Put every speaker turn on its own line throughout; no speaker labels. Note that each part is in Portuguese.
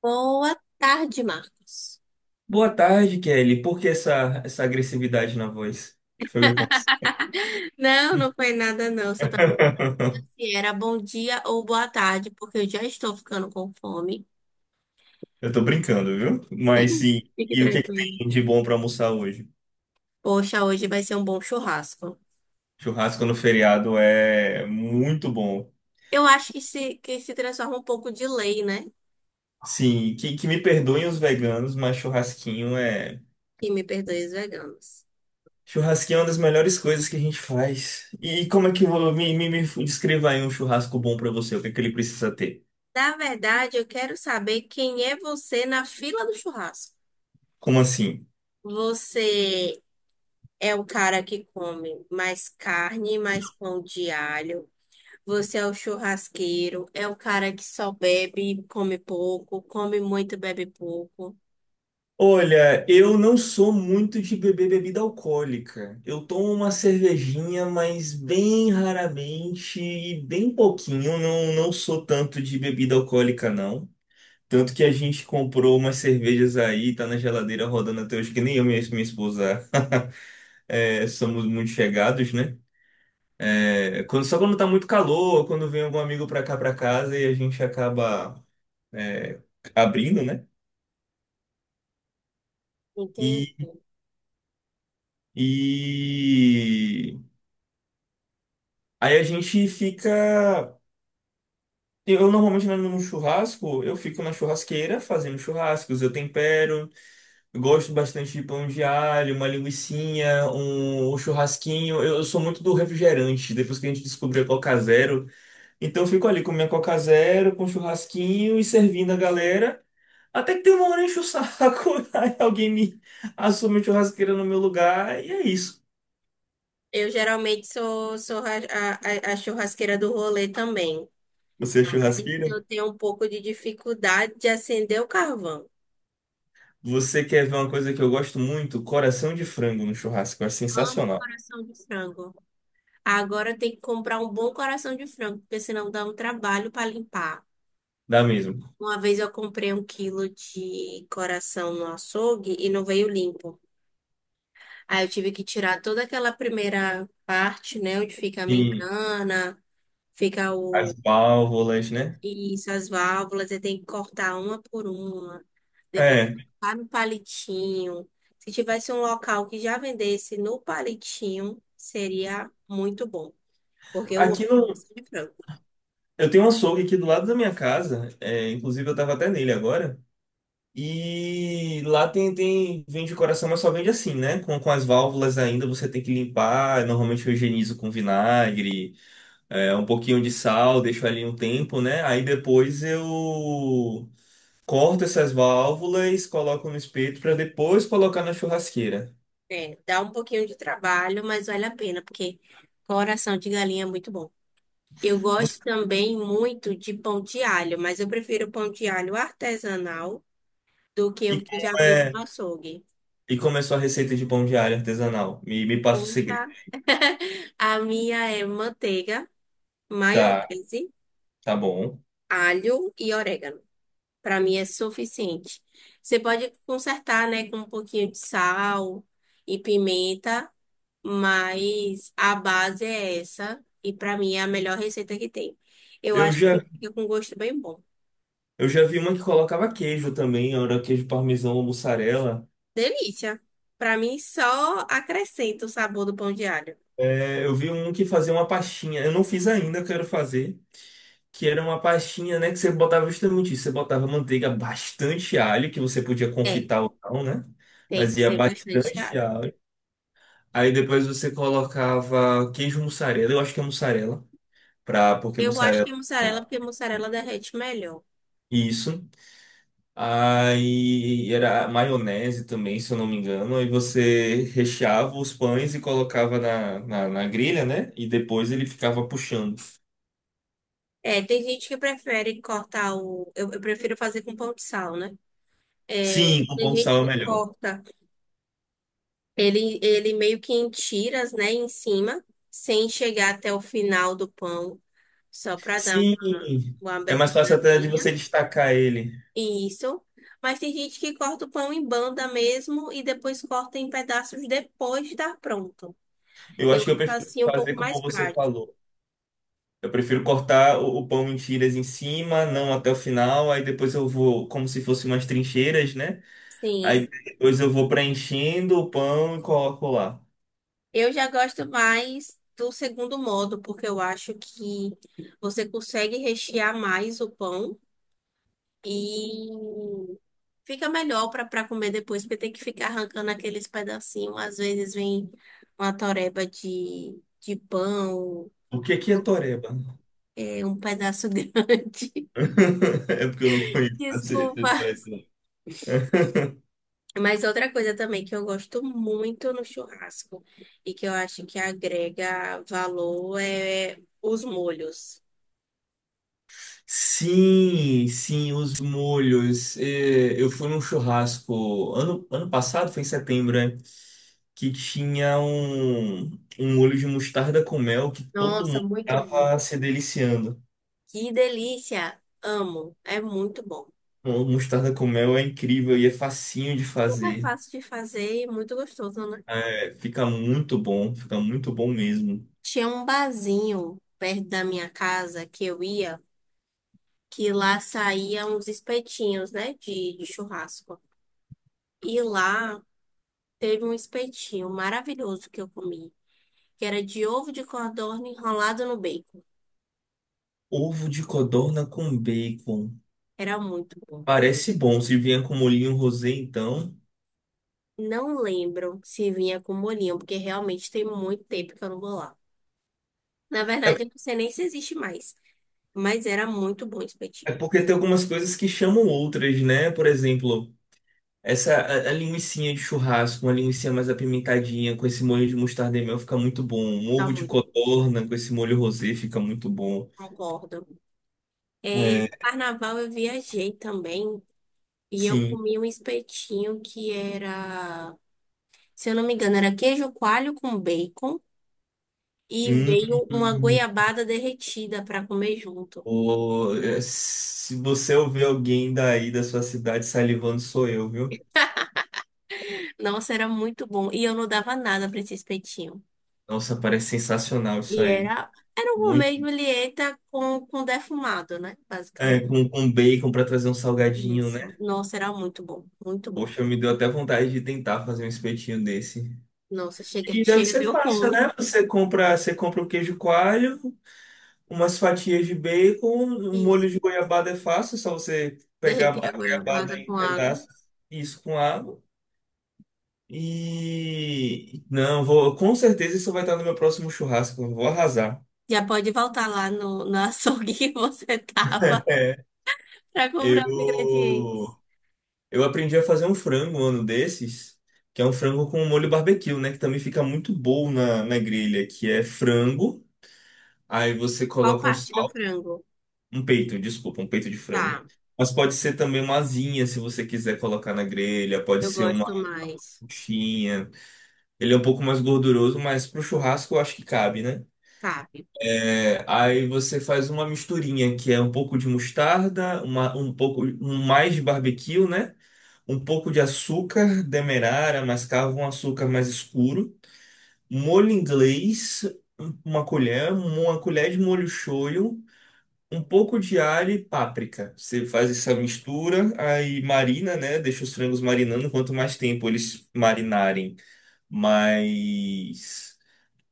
Boa tarde, Marcos.
Boa tarde, Kelly. Por que essa agressividade na voz? O que foi que aconteceu?
Não, foi nada, não. Só tava se era bom dia ou boa tarde, porque eu já estou ficando com fome.
Eu tô brincando, viu? Mas sim.
Fique
E o que é que
tranquilo.
tem de bom pra almoçar hoje?
Poxa, hoje vai ser um bom churrasco.
Churrasco no feriado é muito bom.
Eu acho que se transforma um pouco de lei, né?
Sim, que me perdoem os veganos, mas churrasquinho é.
Que me perdoe os veganos.
Churrasquinho é uma das melhores coisas que a gente faz. E como é que eu vou. Me descreva aí um churrasco bom pra você, o que é que ele precisa ter?
Na verdade, eu quero saber quem é você na fila do churrasco.
Como assim?
Você é o cara que come mais carne, mais pão de alho. Você é o churrasqueiro, é o cara que só bebe, come pouco, come muito, bebe pouco,
Olha, eu não sou muito de beber bebida alcoólica. Eu tomo uma cervejinha, mas bem raramente e bem pouquinho. Não, não sou tanto de bebida alcoólica, não. Tanto que a gente comprou umas cervejas aí, tá na geladeira rodando até hoje, que nem eu e minha esposa é, somos muito chegados, né? É, só quando tá muito calor, quando vem algum amigo pra cá, pra casa, e a gente acaba é, abrindo, né? E,
entende?
e Aí a gente fica. Eu normalmente né, no churrasco, eu fico na churrasqueira fazendo churrascos, eu tempero, eu gosto bastante de pão de alho, uma linguicinha, um churrasquinho. Eu sou muito do refrigerante, depois que a gente descobriu a Coca Zero. Então eu fico ali com minha Coca Zero, com um churrasquinho e servindo a galera. Até que tem uma hora enche o saco, aí alguém me assume a churrasqueira no meu lugar, e é isso.
Eu geralmente sou a churrasqueira do rolê também.
Você é
Aí
churrasqueira?
eu tenho um pouco de dificuldade de acender o carvão.
Você quer ver uma coisa que eu gosto muito? Coração de frango no churrasco. É
Amo
sensacional.
coração de frango. Agora eu tenho que comprar um bom coração de frango, porque senão dá um trabalho para limpar.
Dá mesmo.
Uma vez eu comprei um quilo de coração no açougue e não veio limpo. Aí eu tive que tirar toda aquela primeira parte, né, onde fica a
Sim,
membrana, fica
as
o
válvulas, né?
isso, as válvulas, você tem que cortar uma por uma, depois
É.
colocar no palitinho. Se tivesse um local que já vendesse no palitinho, seria muito bom, porque eu amo
Aqui no.
coração de frango.
Eu tenho um açougue aqui do lado da minha casa. É, inclusive, eu tava até nele agora. E lá tem, tem. Vende coração, mas só vende assim, né? Com as válvulas ainda, você tem que limpar. Normalmente eu higienizo com vinagre, é, um pouquinho de sal, deixo ali um tempo, né? Aí depois eu. Corta essas válvulas, coloca no espeto para depois colocar na churrasqueira.
É, dá um pouquinho de trabalho, mas vale a pena, porque coração de galinha é muito bom. Eu
Você-
gosto também muito de pão de alho, mas eu prefiro pão de alho artesanal do que
E
o que já
como
vem
é,
do açougue.
e como é sua receita de pão de alho artesanal? Me passa o segredo.
Poxa, a minha é manteiga,
Tá,
maionese,
tá bom.
alho e orégano. Para mim é suficiente. Você pode consertar, né, com um pouquinho de sal e pimenta, mas a base é essa e para mim é a melhor receita que tem. Eu
Eu
acho que
já,
fica com gosto bem bom.
eu já vi uma que colocava queijo também, era queijo parmesão ou mussarela.
Delícia. Para mim só acrescenta o sabor do pão de alho.
É, eu vi um que fazia uma pastinha, eu não fiz ainda, eu quero fazer, que era uma pastinha, né, que você botava justamente isso, você botava manteiga, bastante alho, que você podia
É,
confitar ou não, né?
tem
Mas
que
ia
ser bastante
bastante
alho.
alho. Aí depois você colocava queijo mussarela, eu acho que é mussarela, pra, porque
Eu acho que
mussarela.
mussarela, porque mussarela derrete melhor.
Isso. Aí era maionese também, se eu não me engano. Aí você recheava os pães e colocava na, na grelha, né? E depois ele ficava puxando.
É, tem gente que prefere cortar o. Eu prefiro fazer com pão de sal, né? É,
Sim, com
tem
pão de
gente
sal é
que
melhor.
corta ele meio que em tiras, né, em cima, sem chegar até o final do pão, só para dar
Sim,
uma
é mais fácil até de
aberturazinha.
você destacar ele.
Isso. Mas tem gente que corta o pão em banda mesmo e depois corta em pedaços depois de estar pronto.
Eu
Eu
acho que eu
acho
prefiro
assim um
fazer
pouco mais
como você
prático.
falou. Eu prefiro cortar o pão em tiras em cima, não até o final, aí depois eu vou, como se fosse umas trincheiras, né? Aí
Sim.
depois eu vou preenchendo o pão e coloco lá.
Eu já gosto mais do segundo modo, porque eu acho que você consegue rechear mais o pão e fica melhor para para comer depois, porque tem que ficar arrancando aqueles pedacinhos. Às vezes vem uma toreba de pão,
O que que é toreba?
é, um pedaço grande.
É porque eu não conheço essa
Desculpa.
expressão.
Mas outra coisa também que eu gosto muito no churrasco e que eu acho que agrega valor é os molhos.
Sim, sim, os molhos. É, eu fui num churrasco ano passado, foi em setembro, né? Que tinha um, um molho de mostarda com mel que todo
Nossa,
mundo
muito bom.
tava se deliciando.
Que delícia! Amo. É muito bom.
Mostarda com mel é incrível e é facinho de
Super
fazer.
fácil de fazer e muito gostoso, né?
É, fica muito bom mesmo.
Tinha um barzinho perto da minha casa que eu ia, que lá saíam uns espetinhos, né? De churrasco. E lá teve um espetinho maravilhoso que eu comi, que era de ovo de codorna enrolado no bacon.
Ovo de codorna com bacon.
Era muito bom.
Parece bom, se vier com molhinho rosé, então.
Não lembro se vinha com molhinho, porque realmente tem muito tempo que eu não vou lá. Na verdade, eu
É,
não sei nem se existe mais, mas era muito bom o espetinho.
é porque tem algumas coisas que chamam outras, né? Por exemplo, essa a linguicinha de churrasco, uma linguiça mais apimentadinha, com esse molho de mostarda e mel fica muito bom. Um
Tá
ovo de
muito,
codorna com esse molho rosé fica muito bom.
concordo. É,
É,
carnaval eu viajei também e eu
sim.
comi um espetinho que era, se eu não me engano, era queijo coalho com bacon e
Hum.
veio uma goiabada derretida para comer junto.
Ô, é, se você ouvir alguém daí da sua cidade salivando, sou eu, viu?
Nossa, era muito bom e eu não dava nada para esse espetinho.
Nossa, parece sensacional isso
E
aí.
era um Romeu e
Muito.
Julieta com defumado, né?
É,
Basicamente.
com bacon pra trazer um salgadinho,
Isso.
né?
Nossa, era muito bom, muito bom.
Poxa, me deu até vontade de tentar fazer um espetinho desse.
Nossa, chega,
E deve
chega,
ser
deu
fácil,
fome.
né? Você compra o queijo coalho, umas fatias de bacon, um
Isso.
molho de goiabada é fácil, é só você pegar
Derreter a
a goiabada
goiabada
em
com água.
pedaços, e isso com água. E não, vou, com certeza isso vai estar no meu próximo churrasco. Eu vou arrasar.
Já pode voltar lá no, no açougue que você tava
É,
pra comprar os
eu
ingredientes.
eu aprendi a fazer um frango um ano desses, que é um frango com molho barbecue, né, que também fica muito bom na, na grelha, que é frango, aí você
Qual
coloca um
parte do
sal,
frango?
um peito, desculpa, um peito de frango.
Tá,
Mas pode ser também uma asinha, se você quiser colocar na grelha, pode
eu
ser uma
gosto mais.
coxinha. Ele é um pouco mais gorduroso, mas pro churrasco eu acho que cabe, né?
Cabe.
É, aí você faz uma misturinha que é um pouco de mostarda, um pouco mais de barbecue, né? Um pouco de açúcar demerara, mascavo, um açúcar mais escuro, molho inglês, uma colher de molho shoyu, um pouco de alho e páprica. Você faz essa mistura, aí marina, né? Deixa os frangos marinando. Quanto mais tempo eles marinarem, mais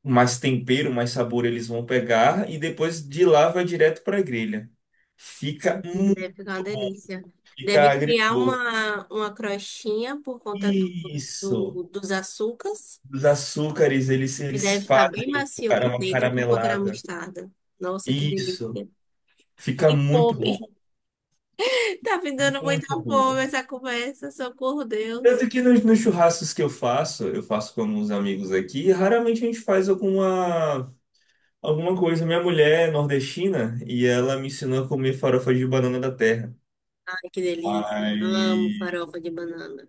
mais tempero, mais sabor eles vão pegar e depois de lá vai direto para a grelha. Fica muito
Deve ficar uma
bom,
delícia.
fica
Deve criar
agridoce.
uma crostinha por conta do,
Isso.
dos açúcares.
Os açúcares, eles,
E
eles
deve ficar bem
fazem
macio por
uma
dentro por conta da
caramelada.
mostarda. Nossa, que
Isso.
delícia.
Fica
E
muito
fome.
bom.
Tá me dando muita
Muito
fome
bom.
essa conversa, socorro, Deus.
Tanto que nos, nos churrascos que eu faço com alguns amigos aqui, raramente a gente faz alguma coisa. Minha mulher é nordestina e ela me ensinou a comer farofa de banana da terra.
Ai, que delícia. Amo
Ai.
farofa de banana.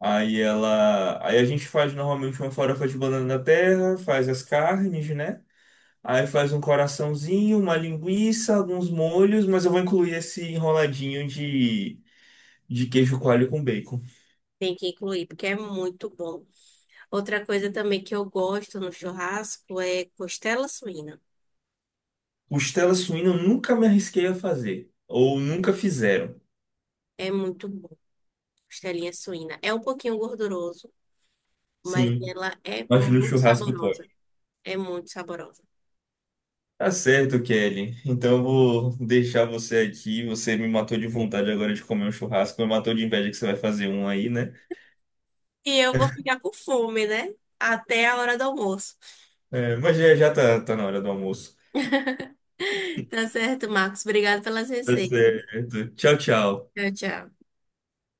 Aí ela. Aí a gente faz normalmente uma farofa de banana da terra, faz as carnes, né? Aí faz um coraçãozinho, uma linguiça, alguns molhos, mas eu vou incluir esse enroladinho de queijo coalho com bacon.
Tem que incluir, porque é muito bom. Outra coisa também que eu gosto no churrasco é costela suína.
Costela suína eu nunca me arrisquei a fazer. Ou nunca fizeram.
É muito bom, costelinha suína. É um pouquinho gorduroso, mas
Sim,
ela é
mas no
muito
churrasco pode.
saborosa. É muito saborosa.
Tá certo, Kelly. Então eu vou deixar você aqui. Você me matou de vontade agora de comer um churrasco. Me matou de inveja que você vai fazer um aí, né?
E eu vou ficar com fome, né? Até a hora do almoço.
É, mas já, já tá, tá na hora do almoço.
Tá certo, Marcos. Obrigado pelas
Tá
receitas.
certo. Tchau, tchau.
Tchau, tchau.